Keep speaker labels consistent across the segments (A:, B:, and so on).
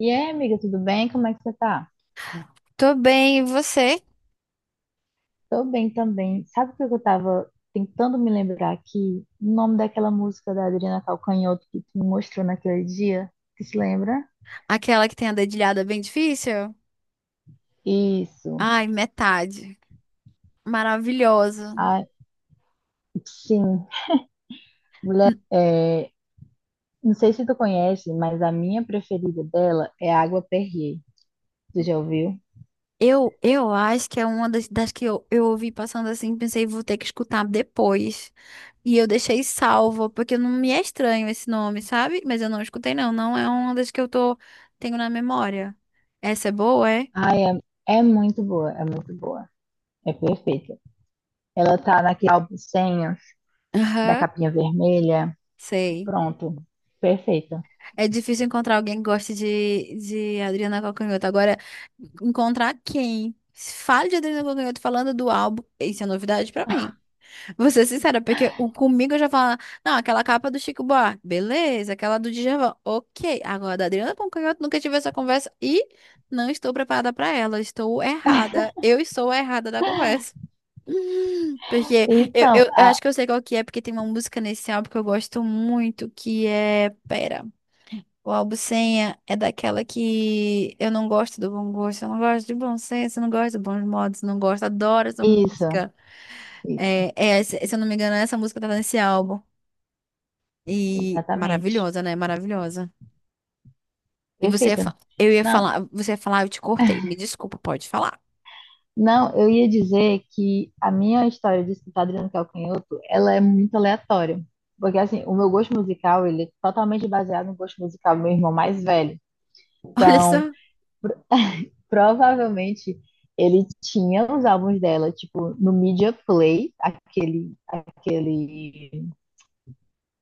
A: E aí, amiga, tudo bem? Como é que você tá?
B: Tô bem, e você?
A: Tô bem também. Sabe o que eu tava tentando me lembrar aqui? O nome daquela música da Adriana Calcanhoto que tu me mostrou naquele dia? Tu se lembra?
B: Aquela que tem a dedilhada bem difícil?
A: Isso.
B: Ai, metade. Maravilhosa.
A: Ah, sim. Mulher,
B: N-
A: é, não sei se tu conhece, mas a minha preferida dela é Água Perrier. Tu já ouviu?
B: eu acho que é uma das que eu ouvi passando assim, pensei, vou ter que escutar depois. E eu deixei salvo, porque não me é estranho esse nome, sabe? Mas eu não escutei, não. Não é uma das que eu tô, tenho na memória. Essa é boa, é?
A: Ai, é, é muito boa, é muito boa. É perfeita. Ela tá naquele álbum senha da
B: Aham,
A: capinha vermelha.
B: sei.
A: Pronto, perfeita.
B: É difícil encontrar alguém que goste de Adriana Calcanhoto. Agora, encontrar quem fale de Adriana Calcanhoto falando do álbum, isso é novidade pra mim. Vou ser sincera, porque o, comigo eu já falo, não, aquela capa do Chico Buarque, beleza, aquela do Djavan, ok. Agora, da Adriana Calcanhoto, nunca tive essa conversa e não estou preparada pra ela, estou errada. Eu estou errada da conversa. Porque eu,
A: Então,
B: eu, eu acho que eu sei qual que é, porque tem uma música nesse álbum que eu gosto muito, que é... Pera. O albucenha é daquela que eu não gosto do bom gosto, eu não gosto de bom senso, eu não gosto de bons modos, não gosto, adoro essa
A: Isso,
B: música.
A: isso,
B: É, se eu não me engano, essa música tá nesse álbum. E
A: exatamente.
B: maravilhosa, né? Maravilhosa. E você
A: Perfeita.
B: eu ia
A: Não,
B: falar, você ia falar, eu te cortei. Me desculpa, pode falar.
A: não, eu ia dizer que a minha história de escutar Adriano Calcanhoto, ela é muito aleatória. Porque, assim, o meu gosto musical, ele é totalmente baseado no gosto musical do meu irmão mais velho.
B: Olha
A: Então,
B: só.
A: provavelmente, ele tinha os álbuns dela, tipo, no Media Play,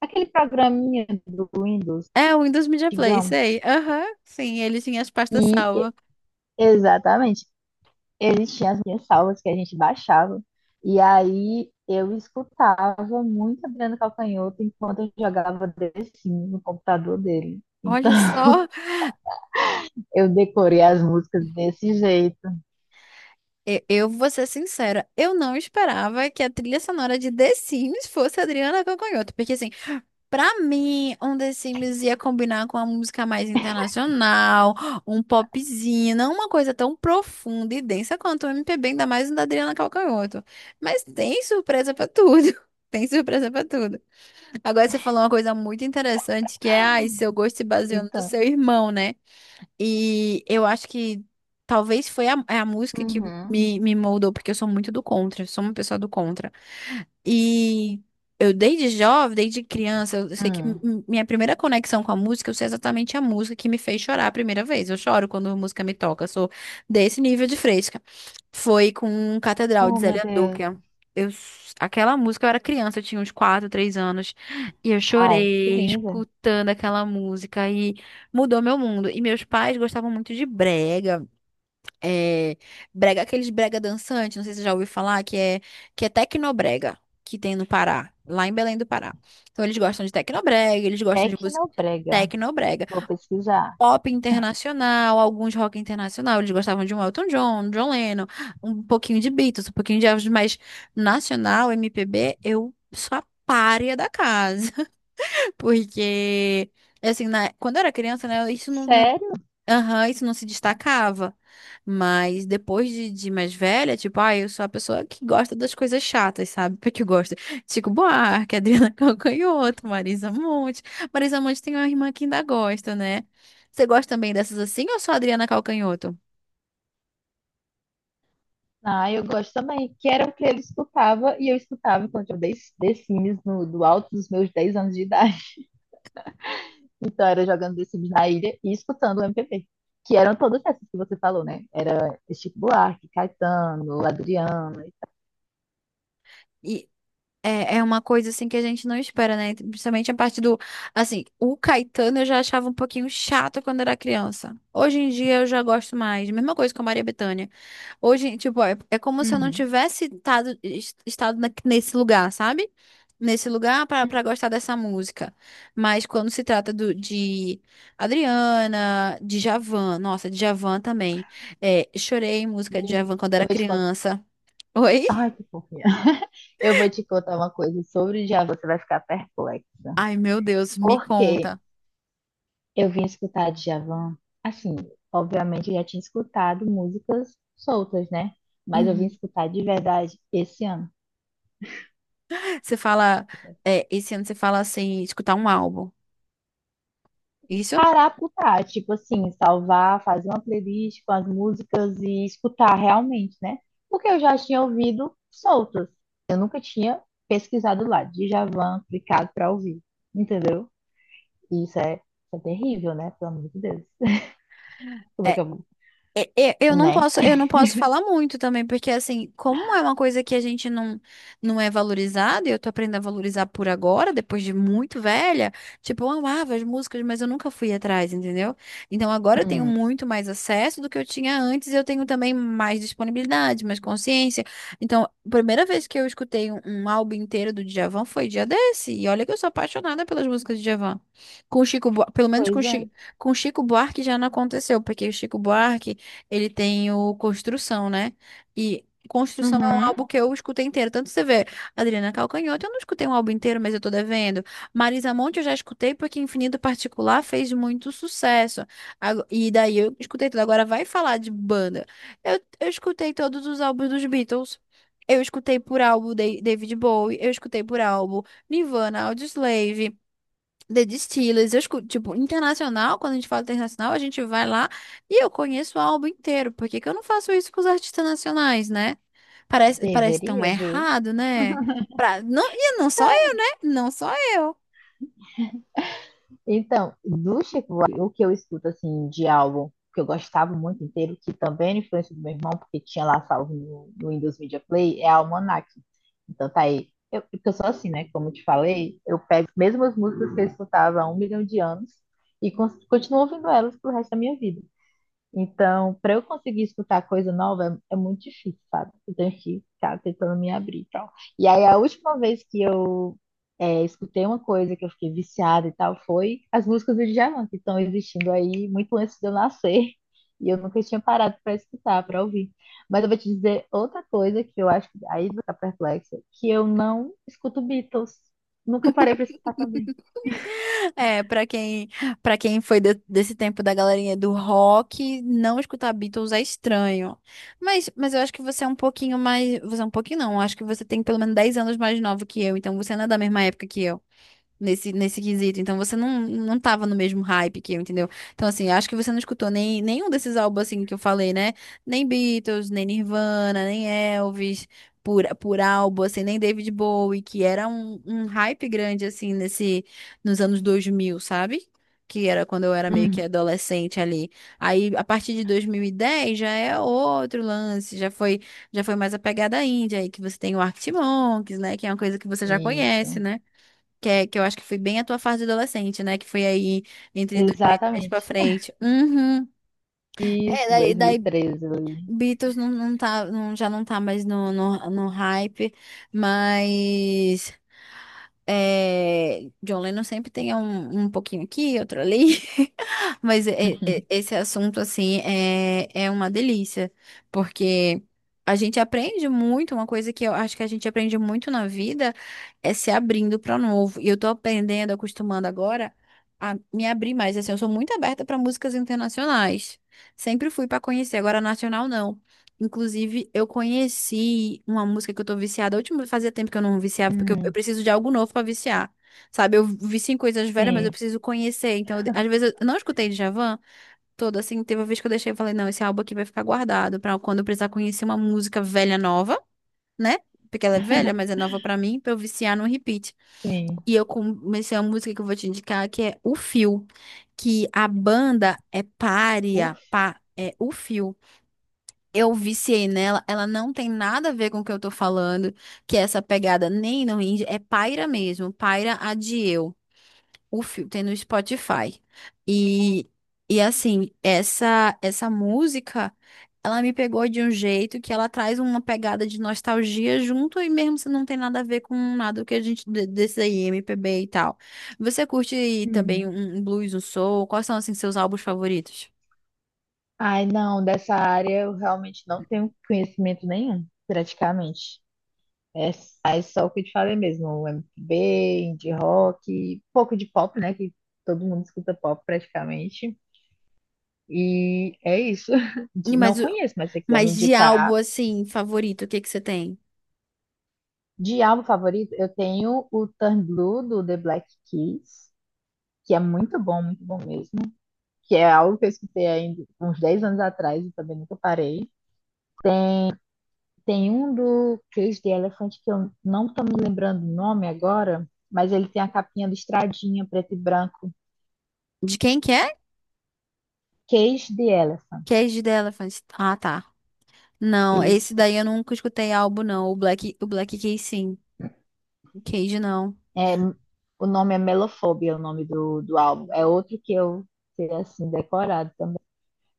A: aquele programinha do Windows,
B: É o Windows Media Play,
A: digamos.
B: sei. Aham, sim, ele tinha as pastas
A: E,
B: salvas.
A: exatamente. Existiam as minhas salvas que a gente baixava. E aí eu escutava muito Adriano Calcanhoto enquanto eu jogava The Sims no computador dele. Então
B: Olha só.
A: eu decorei as músicas desse jeito.
B: Eu vou ser sincera, eu não esperava que a trilha sonora de The Sims fosse Adriana Calcanhoto, porque assim, pra mim, um The Sims ia combinar com uma música mais internacional, um popzinho, não uma coisa tão profunda e densa quanto o MPB, ainda mais um da Adriana Calcanhoto. Mas tem surpresa pra tudo. Tem surpresa pra tudo. Agora você falou uma coisa muito interessante que é, ai, seu gosto se baseou no do
A: Então,
B: seu irmão, né? E eu acho que talvez foi a, é a música que
A: uhum.
B: me moldou, porque eu sou muito do contra, eu sou uma pessoa do contra. E eu desde jovem, desde criança, eu sei que
A: Hum.
B: minha primeira conexão com a música, eu sei exatamente a música que me fez chorar a primeira vez. Eu choro quando a música me toca, eu sou desse nível de fresca. Foi com Catedral
A: Oh,
B: de
A: meu
B: Zélia
A: Deus.
B: Duca. Aquela música, eu era criança, eu tinha uns 4 3 anos, e eu
A: Ai, que
B: chorei
A: linda.
B: escutando aquela música e mudou meu mundo. E meus pais gostavam muito de brega. É, brega, aqueles brega dançante, não sei se você já ouviu falar, que é tecnobrega, que tem no Pará, lá em Belém do Pará. Então eles gostam de tecnobrega, eles gostam de música
A: Tecnobrega.
B: tecnobrega,
A: Vou pesquisar.
B: pop internacional, alguns rock internacional, eles gostavam de um Elton John, um John Lennon, um pouquinho de Beatles, um pouquinho de Elvis, mas nacional, MPB, eu sou a pária da casa, porque... Assim, quando eu era criança, né,
A: Sério?
B: aham, isso não se destacava. Mas depois de mais velha, tipo, ah, eu sou a pessoa que gosta das coisas chatas, sabe? Porque eu gosto. Chico Buarque, Adriana Calcanhoto, Marisa Monte. Marisa Monte tem uma irmã que ainda gosta, né? Você gosta também dessas assim ou só Adriana Calcanhoto?
A: Ah, eu gosto também. Que era o que ele escutava e eu escutava enquanto eu dei The Sims no, do alto dos meus 10 anos de idade. Então era jogando The Sims na ilha e escutando o MPB. Que eram todas essas que você falou, né? Era Chico Buarque, Caetano, Adriano e tal.
B: É uma coisa assim que a gente não espera, né? Principalmente a parte do, assim, o Caetano eu já achava um pouquinho chato quando era criança. Hoje em dia eu já gosto mais. Mesma coisa com a Maria Bethânia. Hoje, tipo, é como se eu não
A: Uhum.
B: tivesse estado nesse lugar, sabe? Nesse lugar para gostar dessa música. Mas quando se trata do, de Adriana, Djavan, nossa, Djavan também. É, chorei em
A: E
B: música de Djavan quando era
A: eu vou te contar.
B: criança. Oi?
A: Ai, que fofinha. Eu vou te contar uma coisa sobre o Djavan, você vai ficar perplexa.
B: Ai, meu Deus, me
A: Porque
B: conta.
A: eu vim escutar Djavan, assim, obviamente eu já tinha escutado músicas soltas, né? Mas eu vim
B: Uhum.
A: escutar de verdade esse ano.
B: Você fala, é, esse ano você fala assim, escutar um álbum. Isso?
A: Parar pro tá, tipo assim, salvar, fazer uma playlist com as músicas e escutar realmente, né? Porque eu já tinha ouvido soltas. Eu nunca tinha pesquisado lá, Djavan, clicado pra ouvir, entendeu? E isso é, é terrível, né? Pelo amor de Deus. Como é
B: É,
A: que eu vou?
B: Eu não
A: Né?
B: posso, eu não posso falar muito também, porque assim, como é uma coisa que a gente não, não é valorizada, e eu tô aprendendo a valorizar por agora, depois de muito velha, tipo, eu amava as músicas, mas eu nunca fui atrás, entendeu? Então agora eu tenho
A: Hum.
B: muito mais acesso do que eu tinha antes, e eu tenho também mais disponibilidade, mais consciência. Então, a primeira vez que eu escutei um álbum inteiro do Djavan foi dia desse, e olha que eu sou apaixonada pelas músicas de Djavan. Com o Chico, Bua- pelo menos
A: Pois é.
B: Com o Chico Buarque já não aconteceu, porque o Chico Buarque ele tem o Construção, né? E Construção é um
A: Uhum.
B: álbum que eu escutei inteiro. Tanto você vê, Adriana Calcanhoto, eu não escutei um álbum inteiro, mas eu tô devendo. Marisa Monte eu já escutei porque Infinito Particular fez muito sucesso. E daí eu escutei tudo. Agora vai falar de banda. Eu escutei todos os álbuns dos Beatles. Eu escutei por álbum David Bowie, eu escutei por álbum Nirvana, Audioslave. The Distillers, eu escuto, tipo, internacional, quando a gente fala internacional, a gente vai lá e eu conheço o álbum inteiro. Por que que eu não faço isso com os artistas nacionais, né? Parece tão
A: Deveria, viu?
B: errado, né? Pra, não, e não só eu, né? Não só eu.
A: Então, do Chico Buarque, o que eu escuto assim de álbum que eu gostava muito inteiro, que também era influência do meu irmão, porque tinha lá salvo no Windows Media Play, é Almanac. Então tá aí. Eu, porque eu sou assim, né? Como eu te falei, eu pego as mesmas músicas que eu escutava há um milhão de anos e continuo ouvindo elas pro resto da minha vida. Então, para eu conseguir escutar coisa nova é, é muito difícil, sabe? Eu tenho que ficar tentando me abrir e tal. E aí, a última vez que eu é, escutei uma coisa que eu fiquei viciada e tal foi as músicas do Djavan, que estão existindo aí muito antes de eu nascer. E eu nunca tinha parado para escutar, para ouvir. Mas eu vou te dizer outra coisa que eu acho que aí vai ficar perplexa, que eu não escuto Beatles. Nunca parei para escutar também.
B: É, pra quem foi desse tempo da galerinha do rock, não escutar Beatles é estranho. Mas eu acho que você é um pouquinho mais, você é um pouquinho não, eu acho que você tem pelo menos 10 anos mais novo que eu, então você não é da mesma época que eu. Nesse quesito. Então você não, não tava no mesmo hype que eu, entendeu? Então, assim, acho que você não escutou nem, nenhum desses álbuns assim que eu falei, né? Nem Beatles, nem Nirvana, nem Elvis, por álbum, assim, nem David Bowie, que era um hype grande, assim, nesse, nos anos 2000, sabe? Que era quando eu era meio
A: Hum.
B: que adolescente ali. Aí, a partir de 2010 já é outro lance, já foi mais a pegada índia aí, que você tem o Arctic Monkeys, né? Que é uma coisa que você já conhece,
A: Isso,
B: né? Que eu acho que foi bem a tua fase adolescente, né? Que foi aí entre 2010 pra
A: exatamente.
B: frente. Uhum. É,
A: Isso,
B: daí, daí
A: 2013 ali.
B: Beatles já não tá mais no hype, mas é, John Lennon sempre tem um pouquinho aqui, outro ali, mas esse assunto, assim, é uma delícia, porque a gente aprende muito, uma coisa que eu acho que a gente aprende muito na vida é se abrindo para o novo, e eu tô aprendendo, acostumando agora a me abrir mais, assim, eu sou muito aberta para músicas internacionais, sempre fui para conhecer, agora nacional não. Inclusive, eu conheci uma música que eu tô viciada. A última fazia tempo que eu não viciava, porque eu
A: Hum,
B: preciso de algo novo pra viciar. Sabe, eu vicio em coisas velhas, mas eu
A: sim,
B: preciso conhecer. Então, eu às vezes eu não escutei Djavan todo, assim, teve uma vez que eu deixei e falei, não, esse álbum aqui vai ficar guardado pra quando eu precisar conhecer uma música velha nova, né? Porque ela é velha, mas é nova pra mim, pra eu viciar no repeat.
A: sim.
B: E eu comecei a música que eu vou te indicar, que é O Fio, que a banda é
A: Uf,
B: é O Fio. Eu viciei nela, ela não tem nada a ver com o que eu tô falando, que é essa pegada nem no indie, é Paira mesmo, Paira Adieu, o filme tem no Spotify. E, e assim, essa música, ela me pegou de um jeito que ela traz uma pegada de nostalgia junto e mesmo se não tem nada a ver com nada que a gente desse aí, MPB e tal. Você curte também
A: uhum.
B: um blues, um soul? Quais são assim seus álbuns favoritos?
A: Ai, não, dessa área eu realmente não tenho conhecimento nenhum, praticamente. É, é só o que eu te falei mesmo, MPB, indie rock, pouco de pop, né, que todo mundo escuta pop praticamente. E é isso.
B: E
A: De- Não
B: Mas, o-
A: conheço, mas se você quiser me
B: mas de álbum,
A: indicar.
B: assim, favorito, o que que você tem?
A: De álbum favorito, eu tenho o Turn Blue do The Black Keys, que é muito bom mesmo. Que é algo que eu escutei ainda uns 10 anos atrás e também nunca parei. Tem um do Cage the Elephant que eu não tô me lembrando o nome agora, mas ele tem a capinha listradinha, preto e branco.
B: De quem que é?
A: Cage the Elephant.
B: Cage The Elephant. Ah, tá. Não, esse
A: Isso.
B: daí eu nunca escutei álbum, não. O Black Keys, sim. O Cage, não.
A: O nome é Melofobia, é o nome do, do álbum. É outro que eu sei assim decorado.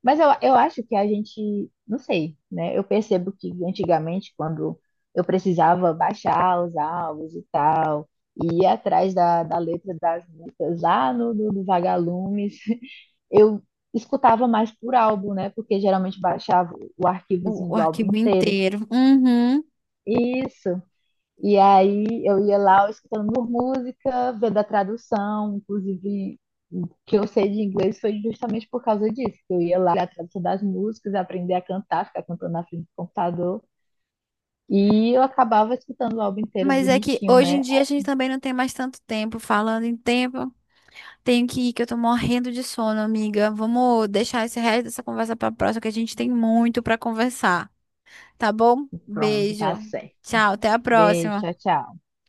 A: Mas eu acho que a gente, não sei, né? Eu percebo que antigamente, quando eu precisava baixar os álbuns e tal, e ir atrás da, da letra das músicas lá no Vagalumes, eu escutava mais por álbum, né? Porque geralmente baixava o arquivozinho
B: O
A: do álbum
B: arquivo
A: inteiro.
B: inteiro. Uhum.
A: Isso. E aí eu ia lá escutando por música, vendo a tradução, inclusive o que eu sei de inglês foi justamente por causa disso, que eu ia lá olhar a tradução das músicas, aprender a cantar, ficar cantando na frente do computador, e eu acabava escutando o álbum inteiro
B: Mas é que
A: bonitinho,
B: hoje em
A: né?
B: dia a gente também não tem mais tanto tempo. Falando em tempo, tenho que ir, que eu tô morrendo de sono, amiga. Vamos deixar esse resto dessa conversa pra próxima, que a gente tem muito pra conversar. Tá bom?
A: Pronto, tá
B: Beijo.
A: certo.
B: Tchau, até a
A: Beijo,
B: próxima.
A: tchau, tchau.